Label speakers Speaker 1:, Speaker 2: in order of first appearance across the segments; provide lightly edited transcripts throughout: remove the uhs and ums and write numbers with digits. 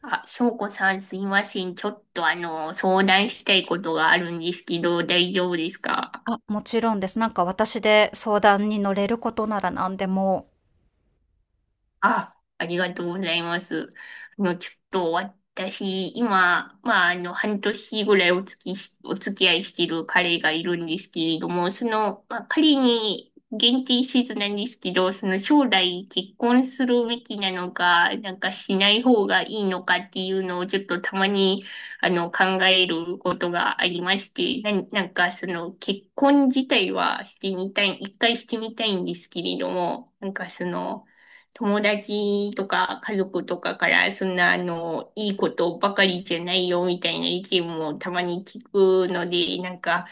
Speaker 1: あ、翔子さんすいません。ちょっと相談したいことがあるんですけど、大丈夫ですか？
Speaker 2: あ、もちろんです。なんか私で相談に乗れることなら何でも
Speaker 1: あ、ありがとうございます。あの、ちょっと私、今、半年ぐらいお付き合いしてる彼がいるんですけれども、彼に限定せずなんですけど、その将来結婚するべきなのか、なんかしない方がいいのかっていうのをちょっとたまに、考えることがありまして、なんかその結婚自体はしてみたい、一回してみたいんですけれども、なんかその、友達とか家族とかからそんないいことばかりじゃないよみたいな意見もたまに聞くので、なんか、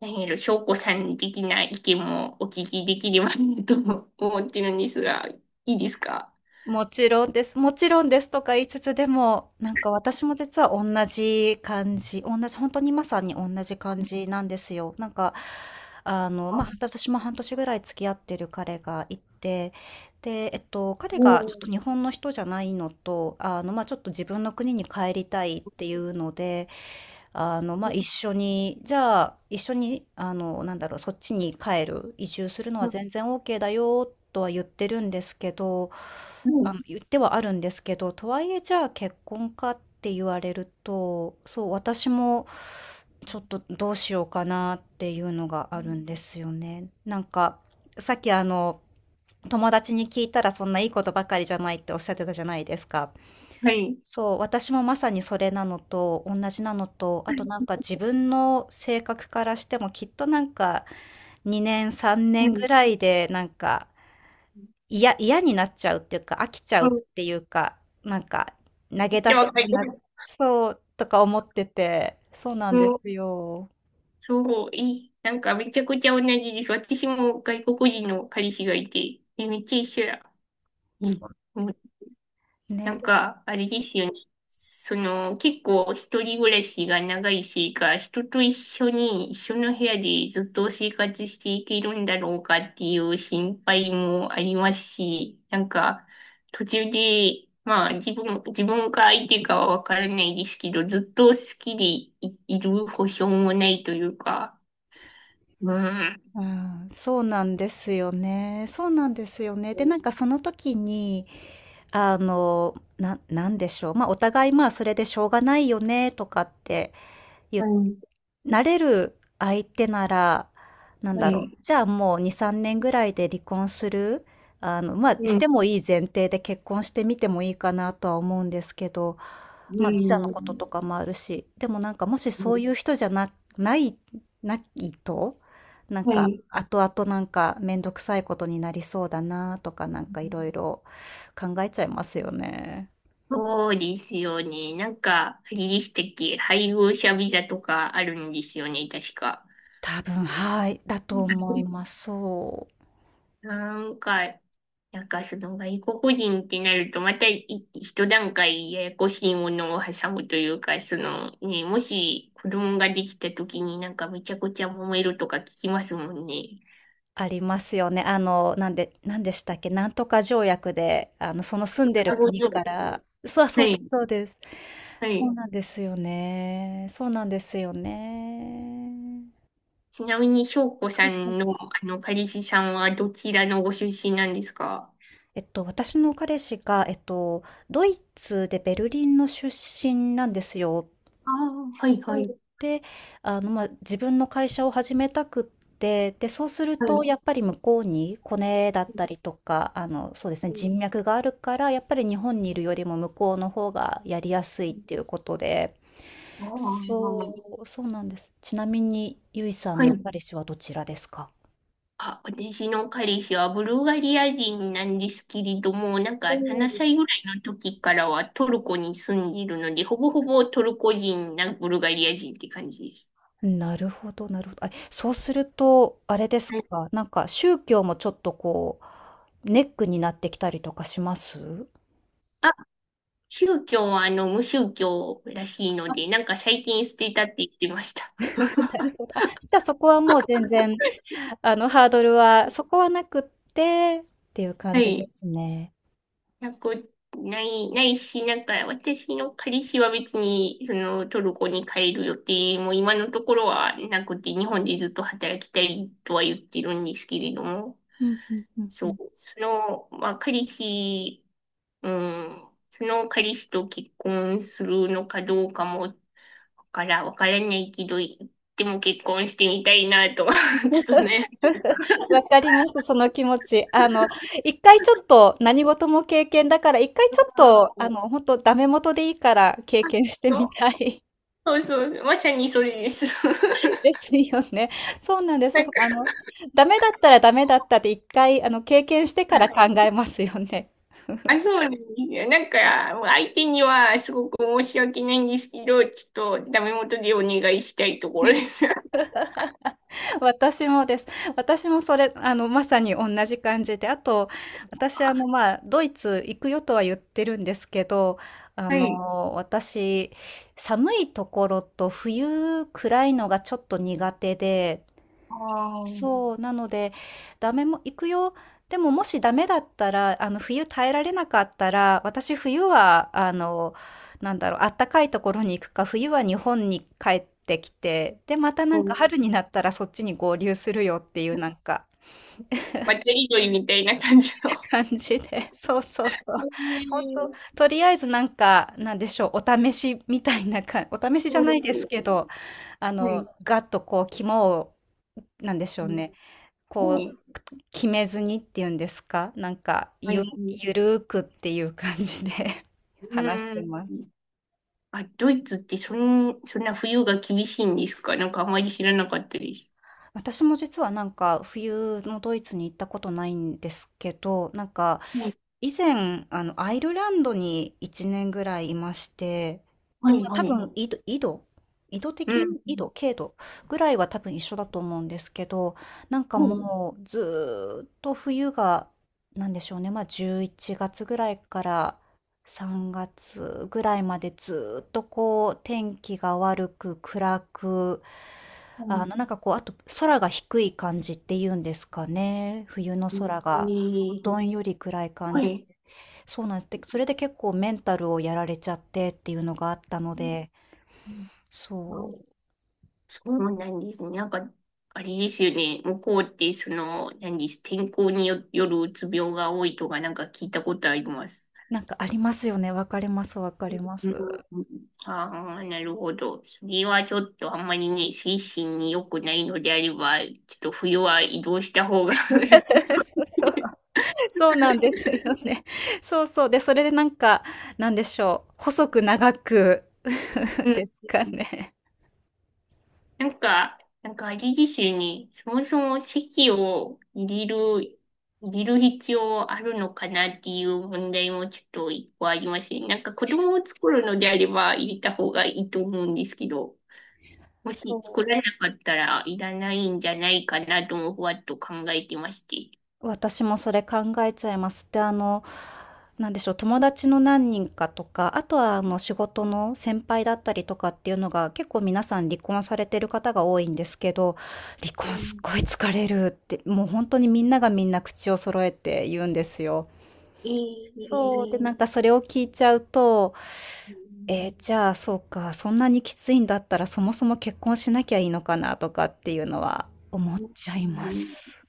Speaker 1: 何やろ、翔子さん的な意見もお聞きできればなと思ってるんですが、いいですか？
Speaker 2: 「もちろんです、もちろんです」とか言いつつ、でも、私も実は同じ感じ、同じ本当にまさに同じ感じなんですよ。ま
Speaker 1: あ、
Speaker 2: あ、私も半年ぐらい付き合ってる彼がいて、で、彼がちょっ
Speaker 1: もう、
Speaker 2: と日本の人じゃないのと、まあ、ちょっと自分の国に帰りたいっていうので、まあ、一緒に、そっちに帰る、移住するのは全
Speaker 1: ん。
Speaker 2: 然 OK だよ、とは言ってるんですけど、
Speaker 1: う
Speaker 2: あ
Speaker 1: ん。
Speaker 2: の、言ってはあるんですけど、とはいえ、じゃあ結婚かって言われると、そう、私も、ちょっとどうしようかなっていうのが
Speaker 1: う
Speaker 2: あるん
Speaker 1: ん。
Speaker 2: ですよね。なんか、さっきあの、友達に聞いたらそんないいことばかりじゃないっておっしゃってたじゃないですか。
Speaker 1: はい。
Speaker 2: そう、私もまさにそれなのと同じなのと、あとなんか自分の性格からしてもきっとなんか2年3
Speaker 1: う
Speaker 2: 年ぐ
Speaker 1: ん。
Speaker 2: らいでなんか
Speaker 1: う
Speaker 2: 嫌になっちゃうっていうか飽きちゃうっ
Speaker 1: ん。
Speaker 2: ていうか、なんか投
Speaker 1: め
Speaker 2: げ
Speaker 1: っち
Speaker 2: 出
Speaker 1: ゃ
Speaker 2: した
Speaker 1: わ
Speaker 2: く
Speaker 1: かりま
Speaker 2: なる、
Speaker 1: す。
Speaker 2: そうとか思ってて、そうな
Speaker 1: う
Speaker 2: んです
Speaker 1: ん。
Speaker 2: よ。
Speaker 1: そう、いい。なんかめちゃくちゃ同じです。私も外国人の彼氏がいて、えめっちゃ一緒や。うん。
Speaker 2: そう
Speaker 1: な
Speaker 2: ね。
Speaker 1: んか、あれですよね。その、結構一人暮らしが長いせいか、人と一緒に、一緒の部屋でずっと生活していけるんだろうかっていう心配もありますし、なんか、途中で、まあ、自分か相手かはわからないですけど、ずっと好きでい、いる保証もないというか、うん。
Speaker 2: うん、そうなんですよね。そうなんですよね。で、なんかその時に、なんでしょう。まあ、お互いまあ、それでしょうがないよね、とかって言
Speaker 1: は
Speaker 2: っ
Speaker 1: い。
Speaker 2: なれる相手なら、なん
Speaker 1: は
Speaker 2: だろ
Speaker 1: い。
Speaker 2: う、じゃあもう2、3年ぐらいで離婚するあの、まあ、
Speaker 1: う
Speaker 2: し
Speaker 1: ん。
Speaker 2: てもいい前提で結婚してみてもいいかなとは思うんですけど、まあ、ビザの
Speaker 1: う
Speaker 2: こと
Speaker 1: ん。
Speaker 2: とかもあるし、でもなんかもしそういう人じゃな、ない、ないと、なん
Speaker 1: は
Speaker 2: か
Speaker 1: い。
Speaker 2: 後々なんかめんどくさいことになりそうだなとかなんかいろいろ考えちゃいますよね。
Speaker 1: そうですよね。なんか、あれでしたっけ、配偶者ビザとかあるんですよね、確か。
Speaker 2: 多分、はい、だと思います。そう。
Speaker 1: なんか、その外国人ってなると、また一段階ややこしいものを挟むというか、そのね、もし子供ができた時になんかめちゃくちゃ揉めるとか聞きますもんね。
Speaker 2: ありますよね。なんでしたっけ、なんとか条約で、あの、その住んでる
Speaker 1: あご存
Speaker 2: 国か
Speaker 1: 知。
Speaker 2: ら、そう、
Speaker 1: は
Speaker 2: そうで
Speaker 1: い、
Speaker 2: す、そうです。
Speaker 1: は
Speaker 2: そう
Speaker 1: い。
Speaker 2: なんですよね。そうなんですよね。
Speaker 1: ちなみに、翔子さんの彼氏さんはどちらのご出身なんですか？
Speaker 2: 私の彼氏が、ドイツでベルリンの出身なんですよ。
Speaker 1: あ。あー、はい、は
Speaker 2: そ
Speaker 1: い、
Speaker 2: う。で、あの、まあ、自分の会社を始めたくって、で、そうする
Speaker 1: は
Speaker 2: と、
Speaker 1: い。
Speaker 2: やっぱり向こうにコネだったりとか、あの、そうですね、
Speaker 1: うん。
Speaker 2: 人脈があるから、やっぱり日本にいるよりも向こうの方がやりやすいっていうことで、
Speaker 1: あ
Speaker 2: そ
Speaker 1: ー。
Speaker 2: う、そうなんです。ちなみに、ゆいさ
Speaker 1: は
Speaker 2: んの
Speaker 1: い。
Speaker 2: 彼氏はどちらですか？
Speaker 1: あ、私の彼氏はブルガリア人なんですけれども、なんか7
Speaker 2: お
Speaker 1: 歳ぐらいの時からはトルコに住んでいるので、ほぼほぼトルコ人なブルガリア人って感じです。
Speaker 2: なるほどなるほど。あ、そうすると、あれです
Speaker 1: はい。
Speaker 2: か、なんか宗教もちょっとこう、ネックになってきたりとかします？
Speaker 1: あ、宗教は無宗教らしいの
Speaker 2: あ、
Speaker 1: で、なんか最近捨てたって言ってました。
Speaker 2: なる ほど。あ、じゃあそこはもう全然、あの、ハードルはそこはなくってっていう感
Speaker 1: は
Speaker 2: じで
Speaker 1: い。
Speaker 2: すね。
Speaker 1: なく、ないし、なんか私の彼氏は別に、そのトルコに帰る予定も今のところはなくて、日本でずっと働きたいとは言ってるんですけれども、
Speaker 2: うんうんうんう
Speaker 1: そ
Speaker 2: ん。
Speaker 1: う、その、まあ彼氏、うん、その彼氏と結婚するのかどうかも、わからないけど、でも結婚してみたいなと、ちょっとね。
Speaker 2: わかります、その気持ち。あの、一回ちょっと何事も経験だから、一回ちょっと、
Speaker 1: う
Speaker 2: あ
Speaker 1: ん。
Speaker 2: の、ほんとダメ元でいいから経験して
Speaker 1: そ
Speaker 2: みたい。
Speaker 1: うそうそう、まさにそれです。
Speaker 2: で すよね。そうなんです。
Speaker 1: なん
Speaker 2: あ
Speaker 1: か。
Speaker 2: の、ダメだったらダメだったって一回、あの、経験してから考えますよね。
Speaker 1: あ、そうなんですよ。なんか、もう相手にはすごく申し訳ないんですけど、ちょっとダメ元でお願いしたいところです。
Speaker 2: 私もです。私もそれ、あの、まさに同じ感じで、あと、私、あの、まあ、ドイツ行くよとは言ってるんですけど、あの、私、寒いところと冬暗いのがちょっと苦手で、そう、なので、ダメも行くよ。でももしダメだったら、あの、冬耐えられなかったら、私冬は、あったかいところに行くか、冬は日本に帰ってきて、で、またな
Speaker 1: う
Speaker 2: んか
Speaker 1: ん。
Speaker 2: 春になったらそっちに合流するよっていうなんか
Speaker 1: 渡りみたいな感じの。
Speaker 2: 感じで、そうそうそう。
Speaker 1: え
Speaker 2: 本当と、
Speaker 1: ー、
Speaker 2: とりあえずなんか、なんでしょう、お試しみたいなか、お試しじゃ
Speaker 1: う
Speaker 2: ない
Speaker 1: ん、
Speaker 2: ですけど、あ
Speaker 1: は
Speaker 2: の、
Speaker 1: い、
Speaker 2: ガッとこう、肝を、なんでしょうね、
Speaker 1: は
Speaker 2: こ
Speaker 1: い、
Speaker 2: う、決めずにっていうんですか、
Speaker 1: はい、
Speaker 2: ゆるーくっていう感じで
Speaker 1: う
Speaker 2: 話して
Speaker 1: ん。
Speaker 2: ます。
Speaker 1: あ、ドイツってそんな冬が厳しいんですか？なんかあまり知らなかったです。
Speaker 2: 私も実はなんか冬のドイツに行ったことないんですけど、なんか
Speaker 1: はい、
Speaker 2: 以前あのアイルランドに1年ぐらいいまして、で、
Speaker 1: は
Speaker 2: ま
Speaker 1: い、
Speaker 2: あ
Speaker 1: は
Speaker 2: 多
Speaker 1: い。
Speaker 2: 分緯度
Speaker 1: う
Speaker 2: 的
Speaker 1: ん。
Speaker 2: に経度ぐらいは多分一緒だと思うんですけど、なんか
Speaker 1: はい、
Speaker 2: もうずーっと冬がなんでしょうね、まあ11月ぐらいから3月ぐらいまでずっとこう天気が悪く暗く、
Speaker 1: は
Speaker 2: あ
Speaker 1: い。
Speaker 2: のなんかこう、あと空が低い感じっていうんですかね。冬の
Speaker 1: え
Speaker 2: 空がそう
Speaker 1: ー、
Speaker 2: どんより暗い感
Speaker 1: は
Speaker 2: じで。
Speaker 1: い。
Speaker 2: そうなんです。で、それで結構メンタルをやられちゃってっていうのがあったの
Speaker 1: う
Speaker 2: で、
Speaker 1: ん。
Speaker 2: そう。
Speaker 1: そうなんですね。なんか、あれですよね。向こうって、その、何です。天候によ、よるうつ病が多いとか、なんか聞いたことあります。
Speaker 2: なんかありますよね。わかります、わかりま
Speaker 1: う
Speaker 2: す。
Speaker 1: ん。 ああ、なるほど。それはちょっとあんまりね、精神に良くないのであれば、ちょっと冬は移動した方が
Speaker 2: そ
Speaker 1: 良さそ
Speaker 2: う
Speaker 1: う
Speaker 2: そう
Speaker 1: です
Speaker 2: そうなんですよね。そうそう。で、それでなんか、なんでしょう、細く長く
Speaker 1: ね。
Speaker 2: ですか
Speaker 1: うん。
Speaker 2: ね。
Speaker 1: なんか、あれですよね。そもそも籍を入れる、入れる必要あるのかなっていう問題もちょっと一個ありますね。なんか子供を作るのであれば入れた方がいいと思うんですけど、も
Speaker 2: そ
Speaker 1: し作
Speaker 2: う。
Speaker 1: らなかったらいらないんじゃないかなともふわっと考えてまして。
Speaker 2: 私もそれ考えちゃいます。で、あの、なんでしょう、友達の何人かとか、あとはあの仕事の先輩だったりとかっていうのが結構皆さん離婚されてる方が多いんですけど、離
Speaker 1: う
Speaker 2: 婚すっ
Speaker 1: ん。
Speaker 2: ごい疲れるって、もう本当にみんながみんな口を揃えて言うんですよ。
Speaker 1: え
Speaker 2: そう。で、な
Speaker 1: ー、
Speaker 2: んかそれを聞いちゃうと、えーじゃあ、そうか、そんなにきついんだったら、そもそも結婚しなきゃいいのかなとかっていうのは思っちゃ
Speaker 1: う
Speaker 2: いま
Speaker 1: ん。
Speaker 2: す。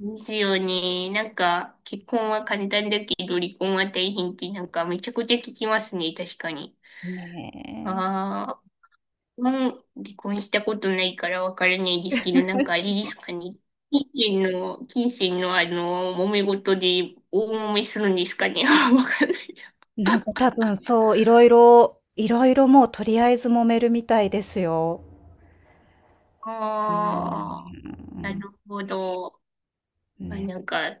Speaker 1: ですよね。なんか、結婚は簡単だけど、離婚は大変ってなんかめちゃくちゃ聞きますね、確かに。
Speaker 2: ね
Speaker 1: ああ、もう離婚したことないからわからないで
Speaker 2: え。
Speaker 1: すけど、なんかあれで すかね。金金銭の揉め事で大揉めするんですかね。わかんない。
Speaker 2: なんか多分そう、いろいろもうとりあえず揉めるみたいですよ。うー
Speaker 1: ああ、な
Speaker 2: ん。
Speaker 1: るほど。
Speaker 2: うん、
Speaker 1: あ、
Speaker 2: ね。
Speaker 1: なんか、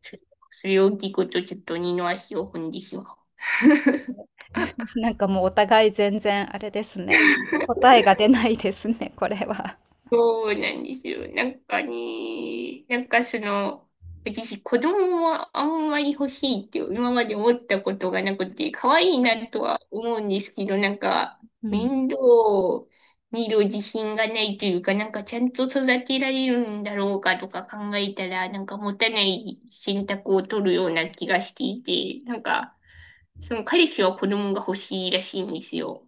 Speaker 1: そそれを聞くとちょっと二の足を踏んでしまう。
Speaker 2: なんかもうお互い全然あれですね。答えが出ないですね、これは。
Speaker 1: そうなんですよ。私、子供はあんまり欲しいって今まで思ったことがなくて、可愛いなとは思うんですけど、なんか、
Speaker 2: うん。
Speaker 1: 面倒を見る自信がないというか、なんかちゃんと育てられるんだろうかとか考えたら、なんか持たない選択を取るような気がしていて、なんか、その彼氏は子供が欲しいらしいんですよ。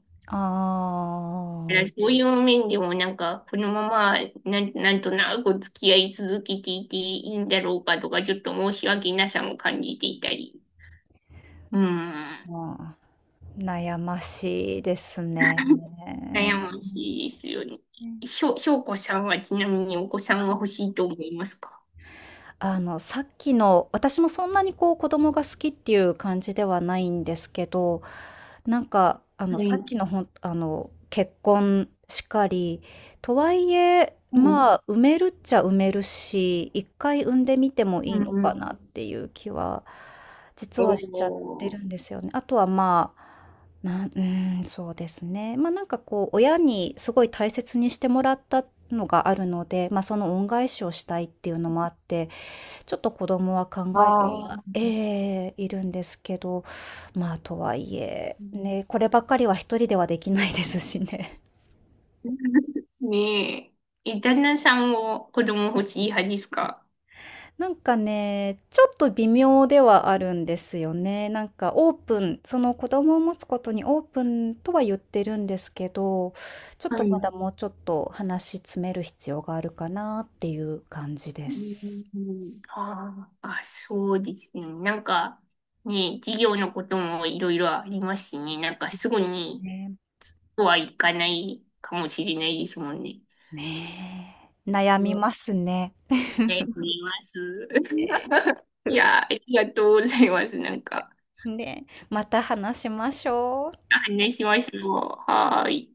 Speaker 1: だか
Speaker 2: あ
Speaker 1: らそういう面でもなんか、このままな、なんとなく付き合い続けていていいんだろうかとか、ちょっと申し訳なさも感じていたり。う
Speaker 2: ー、
Speaker 1: ん。
Speaker 2: まあ、悩ましいですね。
Speaker 1: 悩ましいですよね。
Speaker 2: うん
Speaker 1: しょうこさんはちなみにお子さんは欲しいと思いますか？
Speaker 2: あの、さっきの私もそんなにこう子供が好きっていう感じではないんですけど、なんかあの、
Speaker 1: は
Speaker 2: さっ
Speaker 1: い。
Speaker 2: きのほんあの、結婚しかり、とはいえ、
Speaker 1: うん。
Speaker 2: まあ、産めるっちゃ産めるし、1回産んでみても
Speaker 1: う
Speaker 2: いいのかな
Speaker 1: ん。
Speaker 2: っていう気は、実はしちゃって
Speaker 1: お
Speaker 2: る
Speaker 1: ー。
Speaker 2: んですよね。あとはまあ、なんうーん、そうですね。なんかこう親にすごい大切にしてもらったのがあるので、その恩返しをしたいっていうのもあって、ちょっと子供は考えて
Speaker 1: あ
Speaker 2: は
Speaker 1: あ。
Speaker 2: いるんですけど、まあ、とはいえ、ね、こればっかりは一人ではできないですしね。
Speaker 1: ねえ。え、旦那さんも子供欲しい派ですか？
Speaker 2: なんかね、ちょっと微妙ではあるんですよね。なんかオープン、その子供を持つことにオープンとは言ってるんですけど、ちょっ
Speaker 1: は
Speaker 2: とま
Speaker 1: い。
Speaker 2: だもうちょっと話し詰める必要があるかなっていう感じで
Speaker 1: うん。
Speaker 2: す。
Speaker 1: うん。あーあ、そうですね。なんか、ね、授業のこともいろいろありますしね。なんかすぐに、
Speaker 2: ね。
Speaker 1: そうはいかないかもしれないですもんね。
Speaker 2: ねえ、悩
Speaker 1: う
Speaker 2: み
Speaker 1: ん。
Speaker 2: ますね。
Speaker 1: ね、見ます。いや、ありがとうございます。なんか、
Speaker 2: ねえ、また話しましょう。
Speaker 1: 話しましょう。はーい。